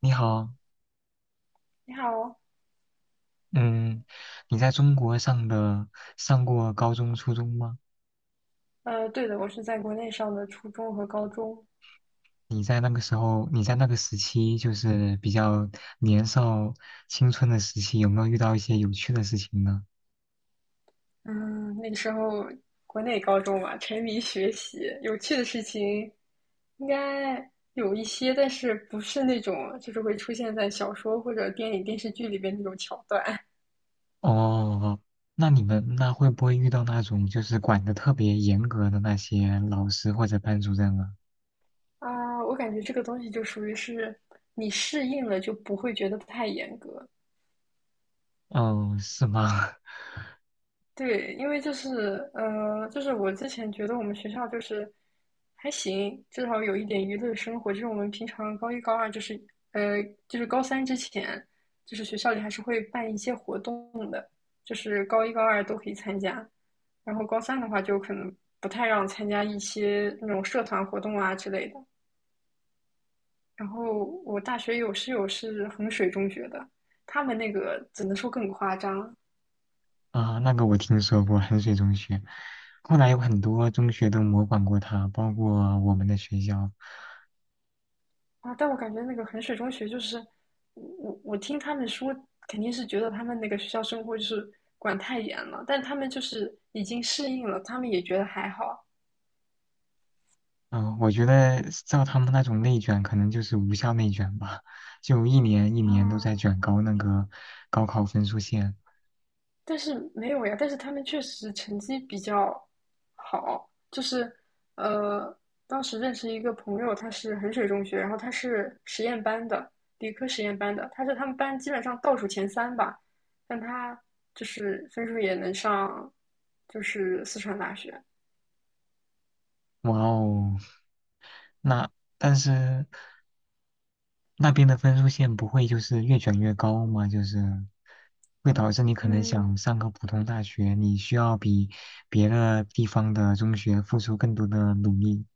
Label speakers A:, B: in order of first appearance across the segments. A: 你好，
B: 你好，
A: 嗯，你在中国上过高中、初中吗？
B: 对的，我是在国内上的初中和高中。
A: 你在那个时期，就是比较年少青春的时期，有没有遇到一些有趣的事情呢？
B: 嗯，那个时候国内高中嘛，沉迷学习，有趣的事情应该有一些，但是不是那种就是会出现在小说或者电影、电视剧里边那种桥段
A: 哦，那你们那会不会遇到那种就是管的特别严格的那些老师或者班主任啊？
B: 啊。我感觉这个东西就属于是你适应了，就不会觉得太严格。
A: 哦，是吗？
B: 对，因为就是就是我之前觉得我们学校就是还行，至少有一点娱乐生活。就是我们平常高一、高二，就是就是高三之前，就是学校里还是会办一些活动的，就是高一、高二都可以参加。然后高三的话，就可能不太让参加一些那种社团活动啊之类的。然后我大学有室友是衡水中学的，他们那个只能说更夸张，
A: 啊，那个我听说过，衡水中学，后来有很多中学都模仿过他，包括我们的学校。
B: 啊，但我感觉那个衡水中学就是，我听他们说，肯定是觉得他们那个学校生活就是管太严了，但他们就是已经适应了，他们也觉得还好
A: 嗯，我觉得照他们那种内卷，可能就是无效内卷吧，就一年一年都在
B: 啊。
A: 卷高那个高考分数线。
B: 但是没有呀，但是他们确实成绩比较好，就是呃，当时认识一个朋友，他是衡水中学，然后他是实验班的，理科实验班的，他是他们班基本上倒数前三吧，但他就是分数也能上，就是四川大学。
A: 哇哦，那但是那边的分数线不会就是越卷越高吗？就是会导致你可能
B: 嗯，
A: 想上个普通大学，你需要比别的地方的中学付出更多的努力。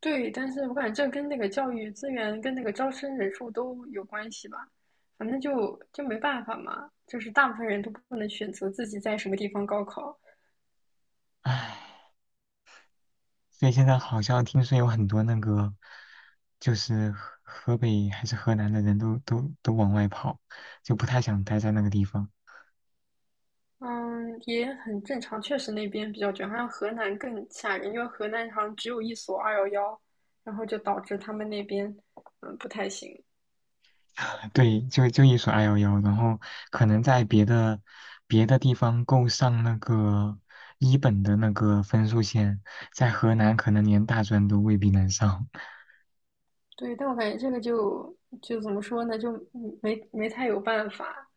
B: 对，但是我感觉这跟那个教育资源跟那个招生人数都有关系吧，反正就没办法嘛，就是大部分人都不能选择自己在什么地方高考，
A: 唉。所以现在好像听说有很多那个，就是河北还是河南的人都往外跑，就不太想待在那个地方。
B: 嗯，也很正常，确实那边比较卷，好像河南更吓人，因为河南好像只有一所211，然后就导致他们那边不太行，
A: 对，就一所 211，然后可能在别的地方够上那个一本的那个分数线，在河南可能连大专都未必能上，
B: 对，但我感觉这个就怎么说呢，就没太有办法，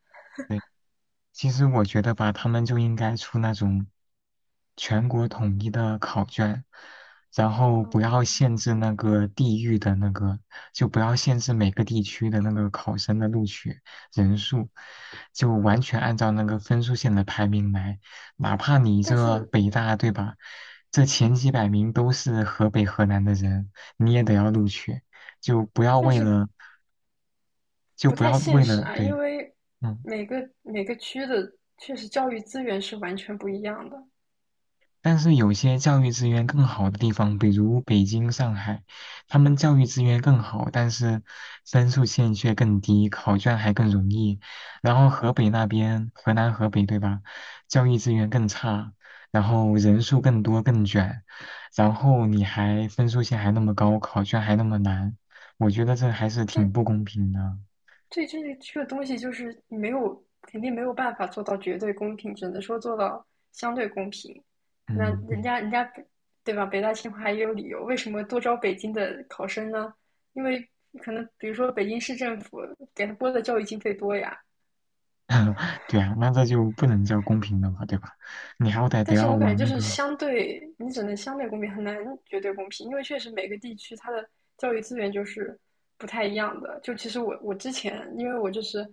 A: 其实我觉得吧，他们就应该出那种全国统一的考卷，然后不
B: 嗯，
A: 要限制那个地域的那个，就不要限制每个地区的那个考生的录取人数，就完全按照那个分数线的排名来，哪怕你
B: 但
A: 这
B: 是。
A: 北大，对
B: 嗯，
A: 吧？这前几百名都是河北、河南的人，你也得要录取，就不要
B: 但
A: 为
B: 是
A: 了，就
B: 不
A: 不
B: 太
A: 要
B: 现
A: 为
B: 实
A: 了，
B: 啊，
A: 对，
B: 因为
A: 嗯。
B: 每个区的确实教育资源是完全不一样的，
A: 但是有些教育资源更好的地方，比如北京、上海，他们教育资源更好，但是分数线却更低，考卷还更容易。然后河北那边，河南、河北，对吧？教育资源更差，然后人数更多、更卷，然后你还分数线还那么高，考卷还那么难，我觉得这还是挺
B: 但
A: 不公平的。
B: 对这个东西就是没有肯定没有办法做到绝对公平，只能说做到相对公平。那
A: 嗯，
B: 人
A: 对，
B: 家人家对吧？北大清华也有理由，为什么多招北京的考生呢？因为可能比如说北京市政府给他拨的教育经费多呀，
A: 对啊，那这就不能叫公平了嘛，对吧？你好歹得
B: 但是
A: 要
B: 我感觉
A: 往
B: 就
A: 那
B: 是
A: 个。
B: 相对，你只能相对公平，很难绝对公平，因为确实每个地区它的教育资源就是不太一样的。就其实我之前，因为我就是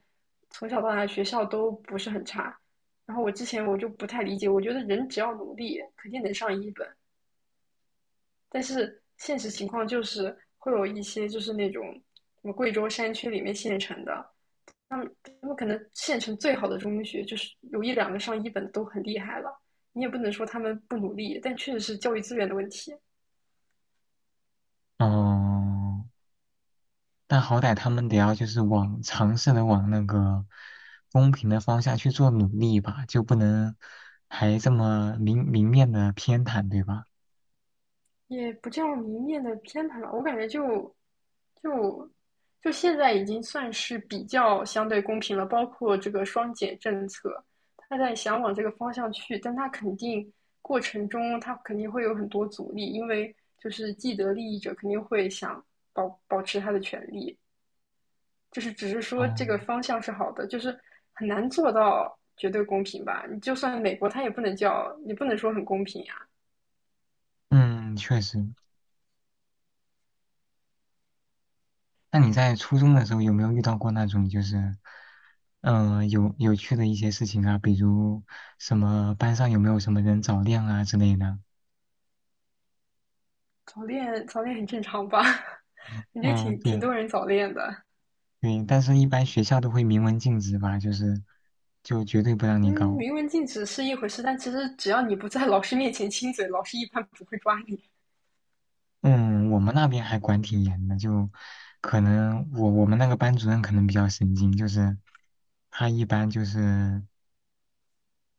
B: 从小到大学校都不是很差，然后我之前我就不太理解，我觉得人只要努力肯定能上一本，但是现实情况就是会有一些就是那种什么贵州山区里面县城的，他们可能县城最好的中学，就是有一两个上一本的都很厉害了。你也不能说他们不努力，但确实是教育资源的问题，
A: 哦，但好歹他们得要就是往尝试的往那个公平的方向去做努力吧，就不能还这么明明面的偏袒，对吧？
B: 也不叫明面的偏袒吧。我感觉就就现在已经算是比较相对公平了，包括这个双减政策，他在想往这个方向去，但他肯定过程中他肯定会有很多阻力，因为就是既得利益者肯定会想保持他的权利，就是只是说
A: 哦，
B: 这个方向是好的，就是很难做到绝对公平吧。你就算美国，它也不能叫你不能说很公平呀、
A: 嗯，确实。那你在初中的时候有没有遇到过那种就是，有趣的一些事情啊？比如什么班上有没有什么人早恋啊之类的？
B: 早恋，早恋很正常吧？感觉
A: 嗯，
B: 挺
A: 对
B: 多人早恋的。
A: 对，但是一般学校都会明文禁止吧，就绝对不让
B: 嗯，
A: 你搞。
B: 明文禁止是一回事，但其实只要你不在老师面前亲嘴，老师一般不会抓你
A: 嗯，我们那边还管挺严的，就可能我们那个班主任可能比较神经，就是他一般就是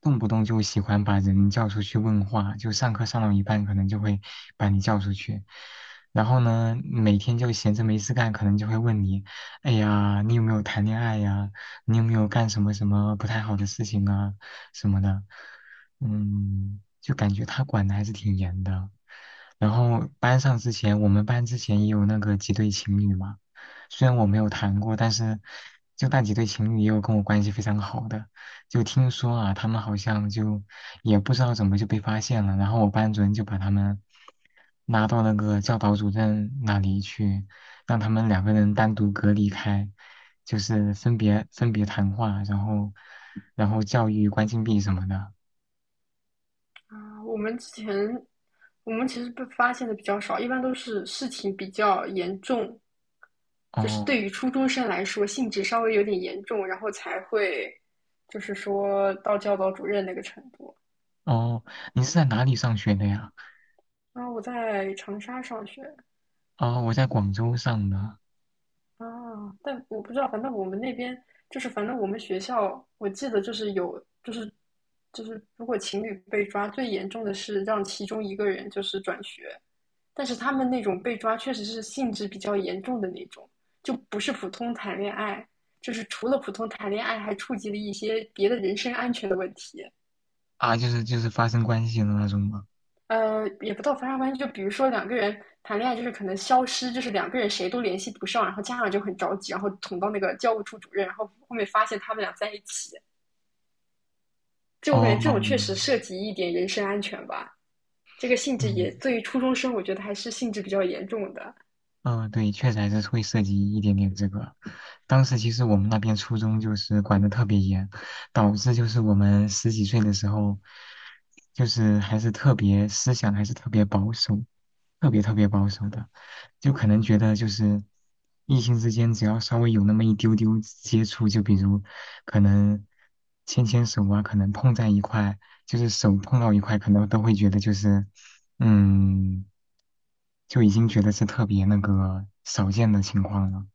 A: 动不动就喜欢把人叫出去问话，就上课上到一半，可能就会把你叫出去。然后呢，每天就闲着没事干，可能就会问你，哎呀，你有没有谈恋爱呀？你有没有干什么什么不太好的事情啊？什么的，嗯，就感觉他管的还是挺严的。然后班上之前，我们班之前也有那个几对情侣嘛，虽然我没有谈过，但是就那几对情侣也有跟我关系非常好的。就听说啊，他们好像就也不知道怎么就被发现了，然后我班主任就把他们拉到那个教导主任那里去，让他们两个人单独隔离开，就是分别谈话，然后教育关禁闭什么的。
B: 啊。我们其实被发现的比较少，一般都是事情比较严重，就是
A: 哦
B: 对于初中生来说性质稍微有点严重，然后才会就是说到教导主任那个程度。
A: 哦，你是在哪里上学的呀？
B: 然后我在长沙上学
A: 哦，我在广州上的
B: 啊，但我不知道，反正我们那边就是反正我们学校，我记得就是有就是如果情侣被抓，最严重的是让其中一个人就是转学。但是他们那种被抓确实是性质比较严重的那种，就不是普通谈恋爱，就是除了普通谈恋爱，还触及了一些别的人身安全的问题。
A: 啊，就是发生关系的那种吗？
B: 呃，也不到发生关系，就比如说两个人谈恋爱，就是可能消失，就是两个人谁都联系不上，然后家长就很着急，然后捅到那个教务处主任，然后后面发现他们俩在一起。就我感觉这
A: 哦，
B: 种确实涉及一点人身安全吧，这个性质
A: 嗯。
B: 也对于初中生，我觉得还是性质比较严重的。
A: 嗯，对，确实还是会涉及一点点这个。当时其实我们那边初中就是管得特别严，导致就是我们十几岁的时候，就是还是特别思想还是特别保守，特别特别保守的，就可能觉得就是异性之间只要稍微有那么一丢丢接触，就比如可能牵牵手啊，可能碰在一块，就是手碰到一块，可能都会觉得就是嗯。就已经觉得是特别那个少见的情况了，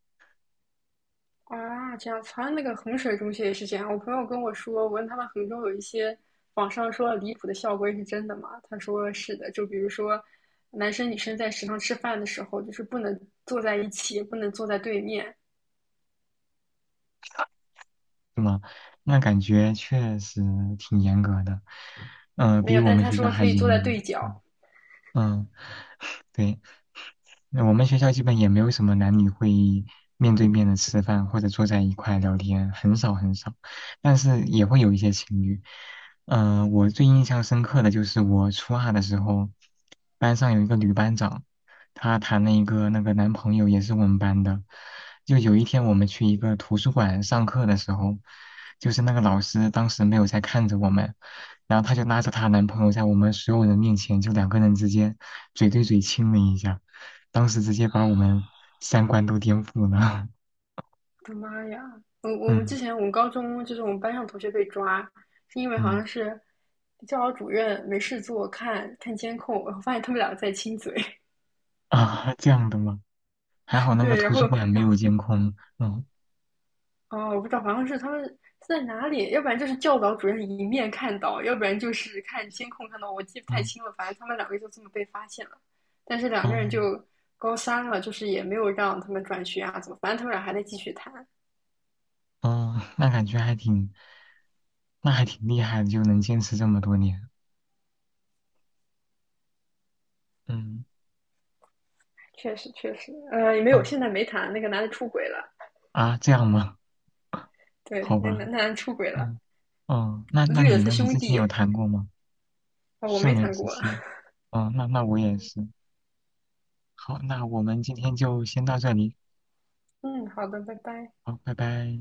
B: 啊，这样子，好像那个衡水中学也是这样。我朋友跟我说，我问他们衡中有一些网上说的离谱的校规是真的吗？他说是的，就比如说，男生女生在食堂吃饭的时候，就是不能坐在一起，不能坐在对面。
A: 是吗？那感觉确实挺严格的，
B: 没
A: 比
B: 有，
A: 我
B: 但是
A: 们
B: 他
A: 学校
B: 说
A: 还
B: 可以
A: 严
B: 坐
A: 一
B: 在对
A: 点。
B: 角。
A: 嗯，对。那我们学校基本也没有什么男女会议面对面的吃饭或者坐在一块聊天，很少很少，但是也会有一些情侣。我最印象深刻的就是我初二的时候，班上有一个女班长，她谈了一个那个男朋友，也是我们班的。就有一天我们去一个图书馆上课的时候，就是那个老师当时没有在看着我们，然后她就拉着她男朋友在我们所有人面前，就两个人之间嘴对嘴亲了一下。当时直接把我们三观都颠覆了。
B: 我的妈呀！我我们之
A: 嗯
B: 前我们高中就是我们班上同学被抓，是因为好
A: 嗯
B: 像是教导主任没事做看看监控，然后发现他们俩在亲嘴。
A: 啊，这样的吗？还好 那个
B: 对，然
A: 图
B: 后
A: 书馆没
B: 然
A: 有
B: 后
A: 监控。嗯
B: 哦，我不知道，好像是他们是在哪里，要不然就是教导主任一面看到，要不然就是看监控看到，我记不太
A: 嗯
B: 清了。反正他们两个就这么被发现了，但是两个人
A: 嗯
B: 就高三了，就是也没有让他们转学啊，怎么？反正他们俩还在继续谈。
A: 嗯，那还挺厉害的，就能坚持这么多年。嗯
B: 确实，确实，呃，也没有，
A: 嗯
B: 现在没谈。那个男的出轨了，
A: 啊，这样吗？
B: 对，
A: 好
B: 那
A: 吧。
B: 男的出轨了，
A: 嗯哦，那
B: 绿了
A: 你
B: 他
A: 呢？你
B: 兄
A: 之前有
B: 弟。
A: 谈过吗？
B: 啊、我没
A: 校园
B: 谈
A: 时
B: 过。
A: 期。哦，那我也是。好，那我们今天就先到这里。
B: 嗯，好的，拜拜。
A: 好，拜拜。